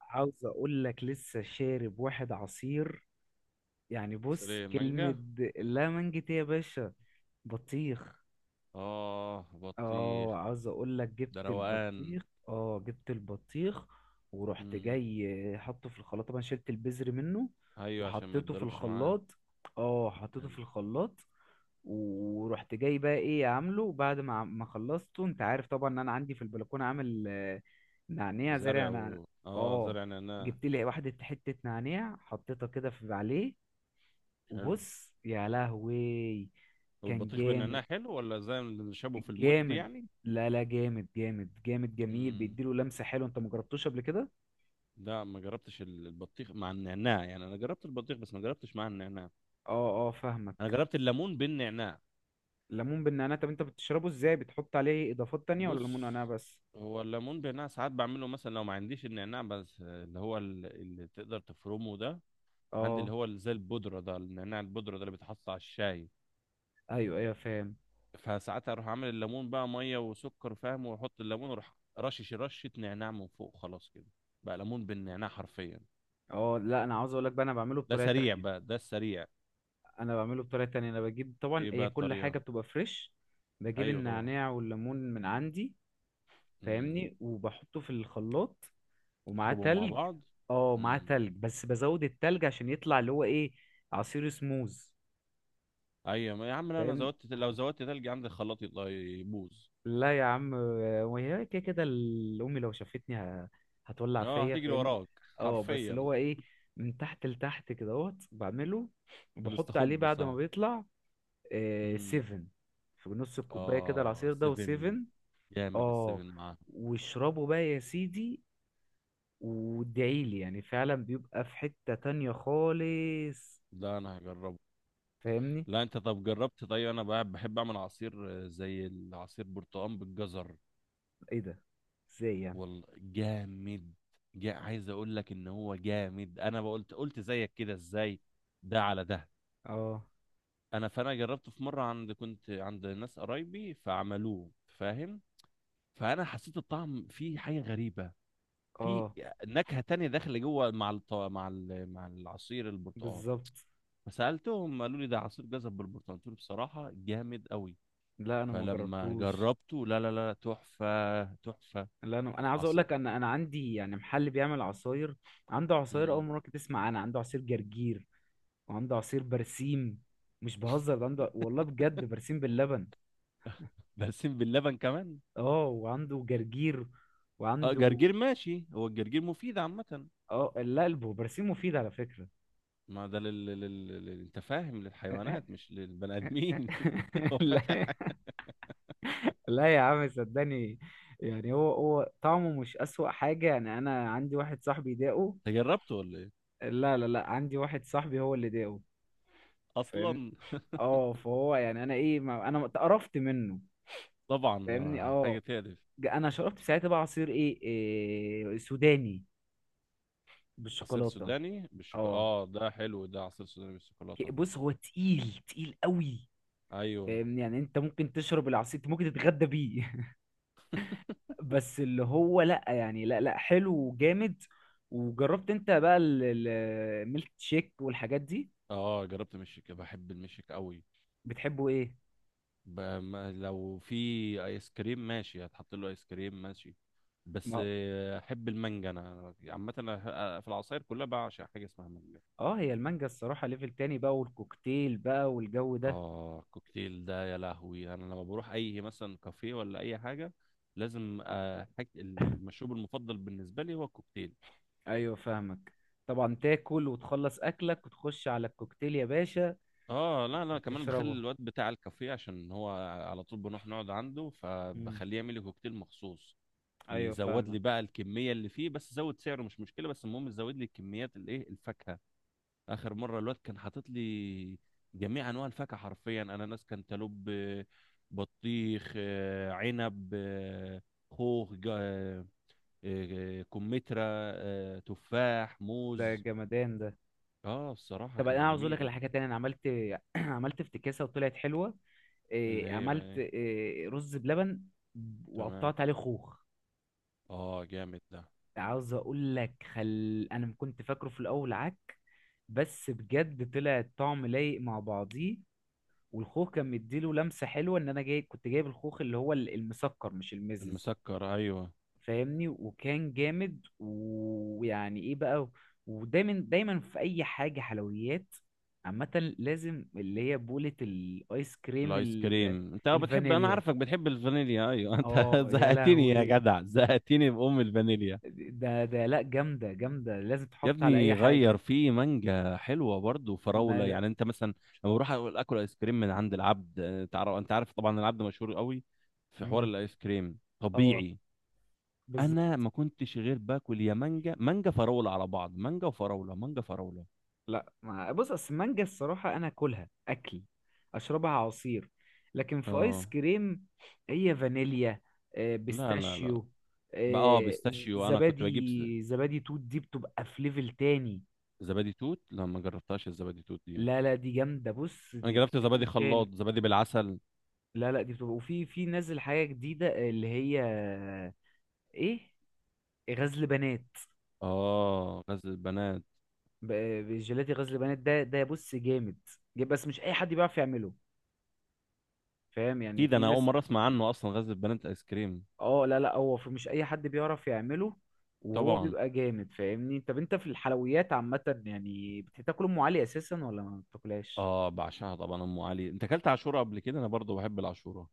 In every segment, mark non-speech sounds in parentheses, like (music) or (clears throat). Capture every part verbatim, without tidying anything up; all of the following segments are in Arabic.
عاوز اقول لك لسه شارب واحد عصير. يعني بص سريع كلمة. مانجا. لا منجت يا باشا. بطيخ. اه، بطيخ. اه عاوز اقول لك ده جبت روقان. البطيخ. اه جبت البطيخ. ورحت امم. جاي حطه في الخلاط، طبعا شلت البذر منه. ايوه، عشان ما وحطيته في يتضربش معاه. الخلاط. اه حطيته في حلو. الخلاط. ورحت جاي بقى ايه عامله بعد ما عم- ما خلصته. انت عارف طبعا ان انا عندي في البلكونه عامل آه، نعناع، زارع زرع و... نعناع. اه، اه زرع نعناع. جبت لي واحده حته نعناع حطيتها كده في عليه. حلو. وبص يا لهوي. كان والبطيخ بالنعناع جامد حلو ولا زي اللي شابه في المد، جامد. يعني؟ لا لا، جامد جامد جامد، جميل، امم. بيديله لمسة حلوة. انت مجربتوش قبل كده؟ لا، ما جربتش ال- البطيخ مع النعناع، يعني انا جربت البطيخ بس ما جربتش مع النعناع. اه اه انا فاهمك. جربت الليمون بالنعناع. ليمون بالنعناع، طب انت بتشربه ازاي؟ بتحط عليه اضافات تانية ولا ليمون بص. نعناع بس؟ هو الليمون بالنعناع ساعات بعمله، مثلا لو ما عنديش النعناع بس، آه، اللي هو ال- اللي تقدر تفرمه ده. عندي اه اللي هو اللي زي البودرة ده، النعناع البودرة ده اللي بيتحط على الشاي. ايوه ايوه فاهم. فساعتها اروح عامل الليمون بقى ميه وسكر، فاهم، واحط الليمون واروح رشش رشه نعناع من فوق، خلاص كده. بقى ليمون بالنعناع حرفيا. اه لا انا عاوز اقول لك بقى انا بعمله ده بطريقة سريع تانية. بقى، ده السريع. انا بعمله بطريقة تانية. انا بجيب، طبعا ايه بقى هي كل الطريقه؟ حاجة بتبقى فريش. بجيب ايوه طبعا. النعناع والليمون من عندي. امم. فاهمني، وبحطه في الخلاط. ومعاه اضربهم مع تلج. بعض. اه معاه امم. تلج، بس بزود التلج عشان يطلع اللي هو ايه، عصير سموز. ايوه، ما يا عم، لا انا فاهمني. زودت، لو زودت تلج عندي الخلاط يطلع يبوظ. لا يا عم. وهي كده كده ال- امي لو شافتني ه- هتولع اه، فيا هتجري فاهمني. وراك. اه بس حرفيا. اللي هو ايه، من تحت لتحت كدهوت بعمله. في وبحط عليه الاستخبص، بعد ما اه. بيطلع آه امم. سيفن. في نص الكوبايه كده اه، العصير ده سيفن. وسيفن. جامد اه. السيفن معاه. واشربه بقى يا سيدي، وادعيلي. يعني فعلا بيبقى في حته تانية خالص. ده انا هجربه. فاهمني. لا انت، طب جربت؟ طيب انا بحب بحب اعمل عصير. آه، زي العصير برتقال بالجزر. ايه ده؟ ازاي يعني؟ والله جامد. جا عايز اقول لك ان هو جامد، انا بقولت قلت زيك كده، ازاي؟ ده على ده. اه انا فانا جربته في مره، عند كنت عند ناس قرايبي فعملوه، فاهم. فانا حسيت الطعم فيه حاجه غريبه. في اه نكهه تانية داخله جوه، مع الط... مع ال... مع العصير البرتقال. بالظبط. فسالتهم قالوا لي ده عصير جزر بالبرتقال، قلت له بصراحه جامد قوي. لا انا ما فلما جربتوش. جربته، لا لا لا، تحفة تحفة. لا انا انا عاوز اقول عصير. لك، انا انا عندي يعني محل بيعمل عصاير. عنده عصاير اول مم. مره كنت تسمع. انا عنده عصير جرجير. وعنده عصير برسيم. مش بهزر، ده عنده والله بجد، برسيم باللبن. بلسم باللبن كمان. اه وعنده جرجير. اه، وعنده. جرجير ماشي، هو الجرجير مفيد عامة؟ اه لا الب- برسيم مفيد على فكره. ما ده لل... لل... لل... لل- انت فاهم، للحيوانات (laughs) مش للبني ادمين. (laughs) هو لا فاتح حاجة. لا يا عم صدقني. يعني هو هو طعمه مش اسوأ حاجه. يعني انا عندي واحد صاحبي داقه. انت جربته ولا ايه؟ لا لا لا، عندي واحد صاحبي هو اللي داقه. فاهمني؟ اصلا. اه فهو يعني انا ايه، ما انا اتقرفت منه. طبعا، فاهمني آه، اه. حاجة تقرف. ج- انا شربت ساعتها بقى عصير ايه، إيه، سوداني عصير بالشوكولاته. سوداني بالشوكولاتة، اه. اه ده حلو ده، عصير سوداني بالشوكولاتة ك- ده. بص هو تقيل تقيل قوي. ايوه. فاهمني، يعني انت ممكن تشرب العصير، انت ممكن تتغدى بيه. (laughs) بس اللي هو لا يعني، لا لا حلو وجامد. وجربت انت بقى ال- ال- الميلك شيك والحاجات دي؟ اه، جربت مشيك، بحب المشيك قوي. بتحبه ايه؟ ب- ما- لو في ايس كريم ماشي، هتحط له ايس كريم ماشي. بس، ما آه، احب المانجا انا عامه، أنا في العصاير كلها بعشق حاجه اسمها مانجا. اه هي المانجا الصراحة ليفل تاني بقى، والكوكتيل بقى والجو ده. اه، الكوكتيل ده يا لهوي، انا لما بروح اي مثلا كافيه ولا اي حاجه، لازم آه، حاج- المشروب المفضل بالنسبه لي هو الكوكتيل. ايوه فاهمك. طبعا تاكل وتخلص اكلك وتخش على الكوكتيل يا باشا. اه لا لا، كمان بخلي تشربه. الواد بتاع الكافيه، عشان هو على طول بنروح نقعد عنده، مم. فبخليه يعمل لي كوكتيل مخصوص. ايوه يزود لي فاهمك. بقى الكميه اللي فيه، بس زود سعره مش مشكله، بس المهم زود لي كميات الايه الفاكهه. اخر مره الواد كان حاطط لي جميع انواع الفاكهه حرفيا: اناناس، كانتالوب، آه، بطيخ، آه، عنب، آه، خوخ، جا- آه، آه، كمثرى، آه، تفاح، ده موز. جمدان ده. اه، الصراحه طب انا كان عاوز اقول لك جميل. على حاجه تانية. انا عملت (clears throat) عملت افتكاسه وطلعت حلوه. اللي إيه هي بقى عملت ايه؟ إيه، رز بلبن. تمام. وقطعت عليه خوخ. اه، جامد ده. عاوز اقول لك، خل انا كنت فاكره في الاول عك، بس بجد طلع الطعم لايق مع بعضيه. والخوخ كان مديله لمسه حلوه. ان انا جاي كنت جايب الخوخ اللي هو ال- المسكر مش المزز. المسكر، ايوه. فاهمني، وكان جامد، ويعني ايه بقى. ودايما دايما في اي حاجه حلويات عامه، لازم اللي هي بوله الايس كريم الايس ال- كريم انت، آه بتحب، انا الفانيليا. عارفك بتحب الفانيليا، ايوه. (laughs) انت اه يا زهقتني يا لهوي. جدع، زهقتني بام الفانيليا. ده ده لا جامده جامده، لازم يا تحط على ابني، اي غير حاجه. في مانجا حلوه برضه وفراوله، ما يعني انت مثلا لما بروح اقول اكل ايس كريم من عند العبد، آه، تعرف، انت عارف طبعا العبد مشهور قوي في حوار مم. الايس كريم اه طبيعي. بالظبط. انا ما كنتش غير باكل يا مانجا، مانجا فراوله على بعض، مانجا وفراوله، مانجا فراوله. لا ما بص، اصل المانجا الصراحة انا اكلها اكل، اشربها عصير. لكن في ايس اه. كريم، هي فانيليا، آه، لا لا لا. بيستاشيو، بقى اه، آه، ز- بيستاشيو. انا كنت بجيب ز- زبادي، زبادي توت دي بتبقى في ليفل تاني. زبادي توت، لا ما جربتهاش الزبادي توت دي. لا لا دي جامدة، بص انا دي في جربت ليفل زبادي خلاط، تاني. زبادي بالعسل. لا لا دي بتبقى، وفي في نازل حاجة جديدة اللي هي ايه، غزل بنات. اه، غزل البنات. ب- جيلاتي غزل بنات ده، ده بص جامد جامد، بس مش اي حد بيعرف يعمله. فاهم يعني، اكيد، في انا اول ناس. مره اسمع عنه اصلا، غزل البنات ايس كريم. اه لا لا، هو في مش اي حد بيعرف يعمله. وهو طبعا. بيبقى جامد. فاهمني، طب انت في الحلويات عامة يعني بتاكل ام علي اساسا ولا ما بتاكلهاش؟ اه، بعشقها طبعا ام علي. انت اكلت عاشوره قبل كده؟ انا برضو بحب العاشوره.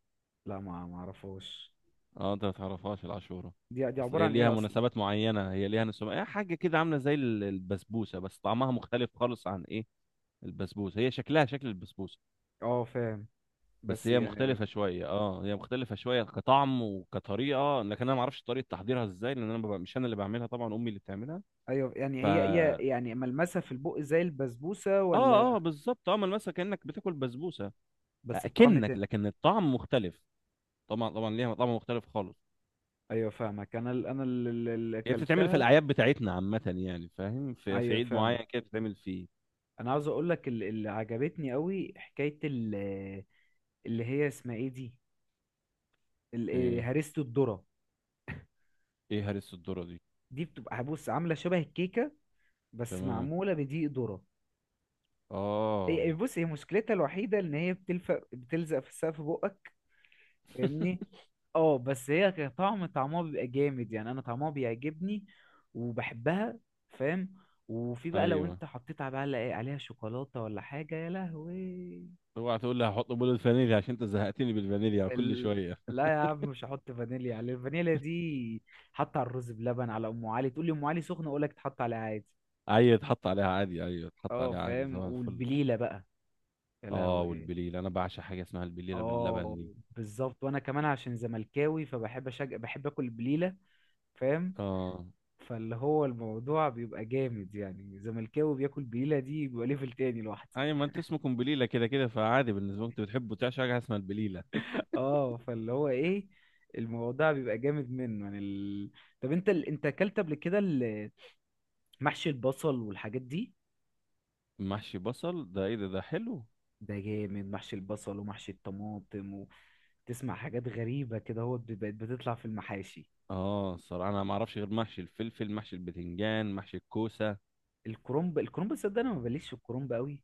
لا ما ما اعرفهاش. اه، انت ما تعرفهاش العاشوره؟ دي دي اصل عبارة هي عن ليها ايه اصلا؟ مناسبات معينه، هي ليها نسمة، هي حاجه كده عامله زي ال- البسبوسه، بس طعمها مختلف خالص عن ايه البسبوسه. هي شكلها شكل البسبوسه، اه فاهم. بس بس هي يعني. مختلفه شويه، اه، هي مختلفه شويه كطعم وكطريقه، لكن انا ما اعرفش طريقه تحضيرها ازاي، لان انا ببقى- مش انا اللي بعملها، طبعا امي اللي بتعملها. ايوه يعني ف هي هي يعني ملمسها في البق زي البسبوسة اه ولا؟ اه بالظبط، اه، ملمسها كانك بتاكل بسبوسه. بس بطعم اكنك، تاني. لكن الطعم مختلف. طبعا طبعا، ليها طعم مختلف خالص. ايوه فاهمك. انا ال- انا ال- ال- اللي هي بتتعمل في اكلتها. الاعياد بتاعتنا عامه، يعني فاهم، في, في ايوه عيد فاهمك. معين كده بتتعمل فيه. انا عاوز اقول لك ال- اللي عجبتني قوي حكاية ال- اللي هي اسمها ايه دي، ال- ايه؟ هريسة الذرة. ايه هرس الذره دي؟ دي بتبقى بص عاملة شبه الكيكة، بس تمام. معمولة بدقيق ذرة. هي- اه. بص هي مشكلتها الوحيدة إن هي بتلفق بتلزق في سقف بقك. (laughs) فاهمني. اه بس هي كطعم، طعمها بيبقى جامد. يعني أنا طعمها بيعجبني، وبحبها. فاهم. وفي بقى لو ايوه، انت حطيت على بقى إيه، عليها شوكولاتة ولا حاجة، يا لهوي. اوعى تقول لي هحط بول الفانيليا عشان انت زهقتني بالفانيليا كل ال... شويه. لا يا عم مش هحط فانيليا على الفانيليا دي. حط على الرز بلبن، على ام علي. تقول لي ام علي سخنه، اقول لك تحط عليها عادي. ايوه، اتحط عليها عادي. ايوه اتحط اه عليها عادي، فاهم. صباح الفل. والبليله بقى، يا اه، لهوي. والبليله انا بعشق حاجه اسمها البليله باللبن اه دي. بالظبط. وانا كمان عشان زملكاوي، فبحب أشج... بحب اكل بليله. فاهم. اه، فاللي هو الموضوع بيبقى جامد. يعني زملكاوي بياكل بليله، دي بيبقى ليفل تاني لوحده. اي ما انت اسمه قنبليله كده كده، فعادي بالنسبه لك انت بتحبه تعشى حاجه اسمها البليله. اه فاللي هو ايه، الموضوع بيبقى جامد منه. يعني ال... طب انت ال... انت اكلت قبل كده ال- محشي البصل والحاجات دي؟ محشي بصل ده، ايه ده؟ ده حلو. ده جامد محشي البصل، ومحشي الطماطم. وتسمع حاجات غريبه كده هو بت- بقت بتطلع في المحاشي. اه، الصراحه انا ما اعرفش غير محشي الفلفل، محشي البتنجان، محشي الكوسه. الكرنب، الكرنب صدق انا ما بليش في الكرنب قوي.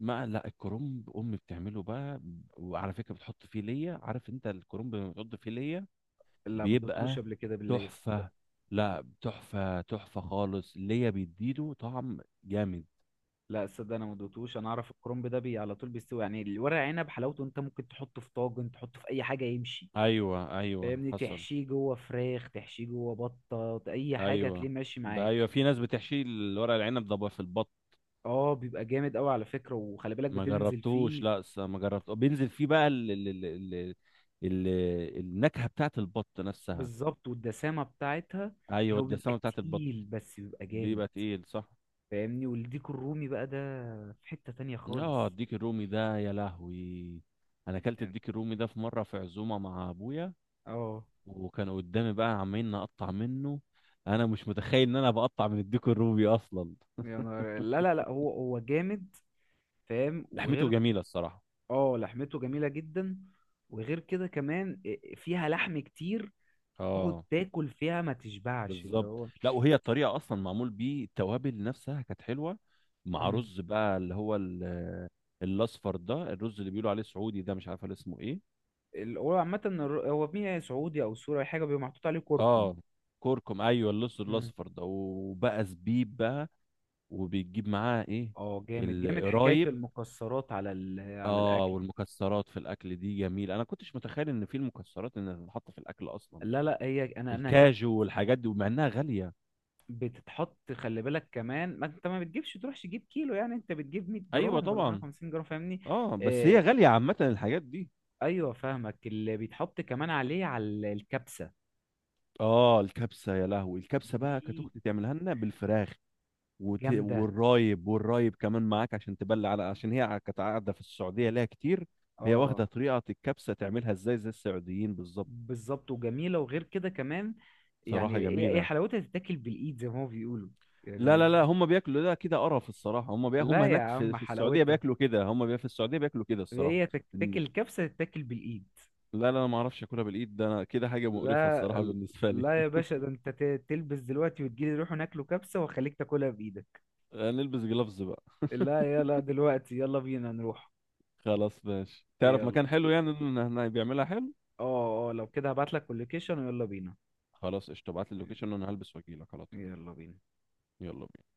ما لا، الكرنب امي بتعمله بقى. وعلى فكره بتحط فيه ليا، عارف انت الكرنب لما بتحط فيه ليا لا ما دوتوش بيبقى قبل كده بالله صدق. تحفه. لا، تحفه تحفه خالص ليا، بيديله طعم جامد. لا صدق انا ما دوتوش. انا اعرف الكرنب ده بي على طول بيستوي يعني. الورق عنب حلاوته، انت ممكن تحطه في طاجن، تحطه في اي حاجه يمشي. ايوه ايوه فاهمني، حصل. تحشيه جوه فراخ، تحشيه جوه بطه، اي حاجه هتلاقيه ايوه. ماشي بقى معاك. ايوه، في ناس بتحشي الورق العنب ده بقى في البط. اه بيبقى جامد قوي على فكره. وخلي بالك ما بتنزل جربتوش، فيه. لا، س- ما جربت. بينزل فيه بقى ال ال ال ال ال النكهة بتاعت البط نفسها. بالظبط، والدسامه بتاعتها. ايوه، هو بيبقى الدسامة بتاعت البط. تقيل بس بيبقى جامد. بيبقى تقيل، صح. فاهمني، والديك الرومي بقى ده في حته تانية اه، خالص. الديك الرومي ده يا لهوي. انا اكلت يعني الديك الرومي ده في مرة، في عزومة مع ابويا، اه، وكان قدامي بقى، عمالين نقطع منه. انا مش متخيل ان انا بقطع من الديك الرومي اصلا. يا نهار لا لا لا، هو هو جامد. فاهم. لحمته وغير جميلة الصراحة. اه لحمته جميلة جدا. وغير كده كمان آه، آه، فيها لحم كتير. تقعد اه، تاكل فيها ما تشبعش اللي بالظبط. هو. لا، وهي الطريقه اصلا معمول بيه، التوابل نفسها كانت حلوه، مع مم. رز بقى اللي هو ال- الاصفر ده، الرز اللي بيقولوا عليه سعودي ده، مش عارف اسمه ايه. ال- هو عامة الر- هو مية سعودي أو سوري، أي حاجة بيبقى محطوط عليه كركم. اه، كركم، ايوه، اللص مم. الاصفر ده، وبقى زبيب بقى. وبيجيب معاه ايه؟ اه جامد جامد حكاية القرايب. المكسرات على ال... على اه، الأكل. والمكسرات في الاكل دي جميل، انا كنتش متخيل ان في المكسرات انها تتحط في الاكل اصلا. لا لا هي، أنا أنا أكلت. الكاجو والحاجات دي، ومع انها غاليه. بتتحط، خلي بالك كمان، ما أنت ما بتجيبش تروحش تجيب كيلو. يعني أنت بتجيب مية ايوه جرام ولا طبعا. مية وخمسين جرام. فاهمني. اه بس، هي آه غاليه عامه الحاجات دي. أيوه فاهمك. اللي بيتحط كمان عليه على الكبسة اه، الكبسه يا لهوي، الكبسه بقى كانت دي اختي تعملها لنا بالفراخ. وت... جامدة. والرايب، والرايب كمان معاك عشان تبلع على، عشان هي كانت قاعده في السعوديه ليها كتير. هي واخده اه طريقه الكبسه تعملها ازاي زي السعوديين بالظبط. بالظبط وجميله. وغير كده كمان يعني صراحه ايه، إيه جميله. حلاوتها تتاكل بالايد زي ما هو بيقولوا لا لا يعني. لا، هم بياكلوا ده كده قرف الصراحه، هم بي... هم لا يا هناك في... عم في السعوديه حلاوتها، بياكلوا كده، هم بي... في السعوديه بياكلوا كده الصراحه. هي إن- تتاكل كبسه تتاكل بالايد. لا لا، انا ما اعرفش اكلها بالايد، ده انا كده حاجه مقرفه لا الصراحه بالنسبه لي. لا يا باشا، ده انت ت- تلبس دلوقتي وتجيلي نروح ناكله كبسه، واخليك تاكلها بايدك. (laughs) نلبس جلافز بقى. (laughs) لا يلا دلوقتي، يلا بينا نروح. خلاص ماشي، تعرف يلا. مكان حلو يعني إن- إن- إن بيعملها حلو؟ اه اه لو كده هبعتلك اللوكيشن ويلا بينا. خلاص قشطة، ابعت لي اللوكيشن وانا هلبس واجيلك على طول. يلا بينا. يلا بينا.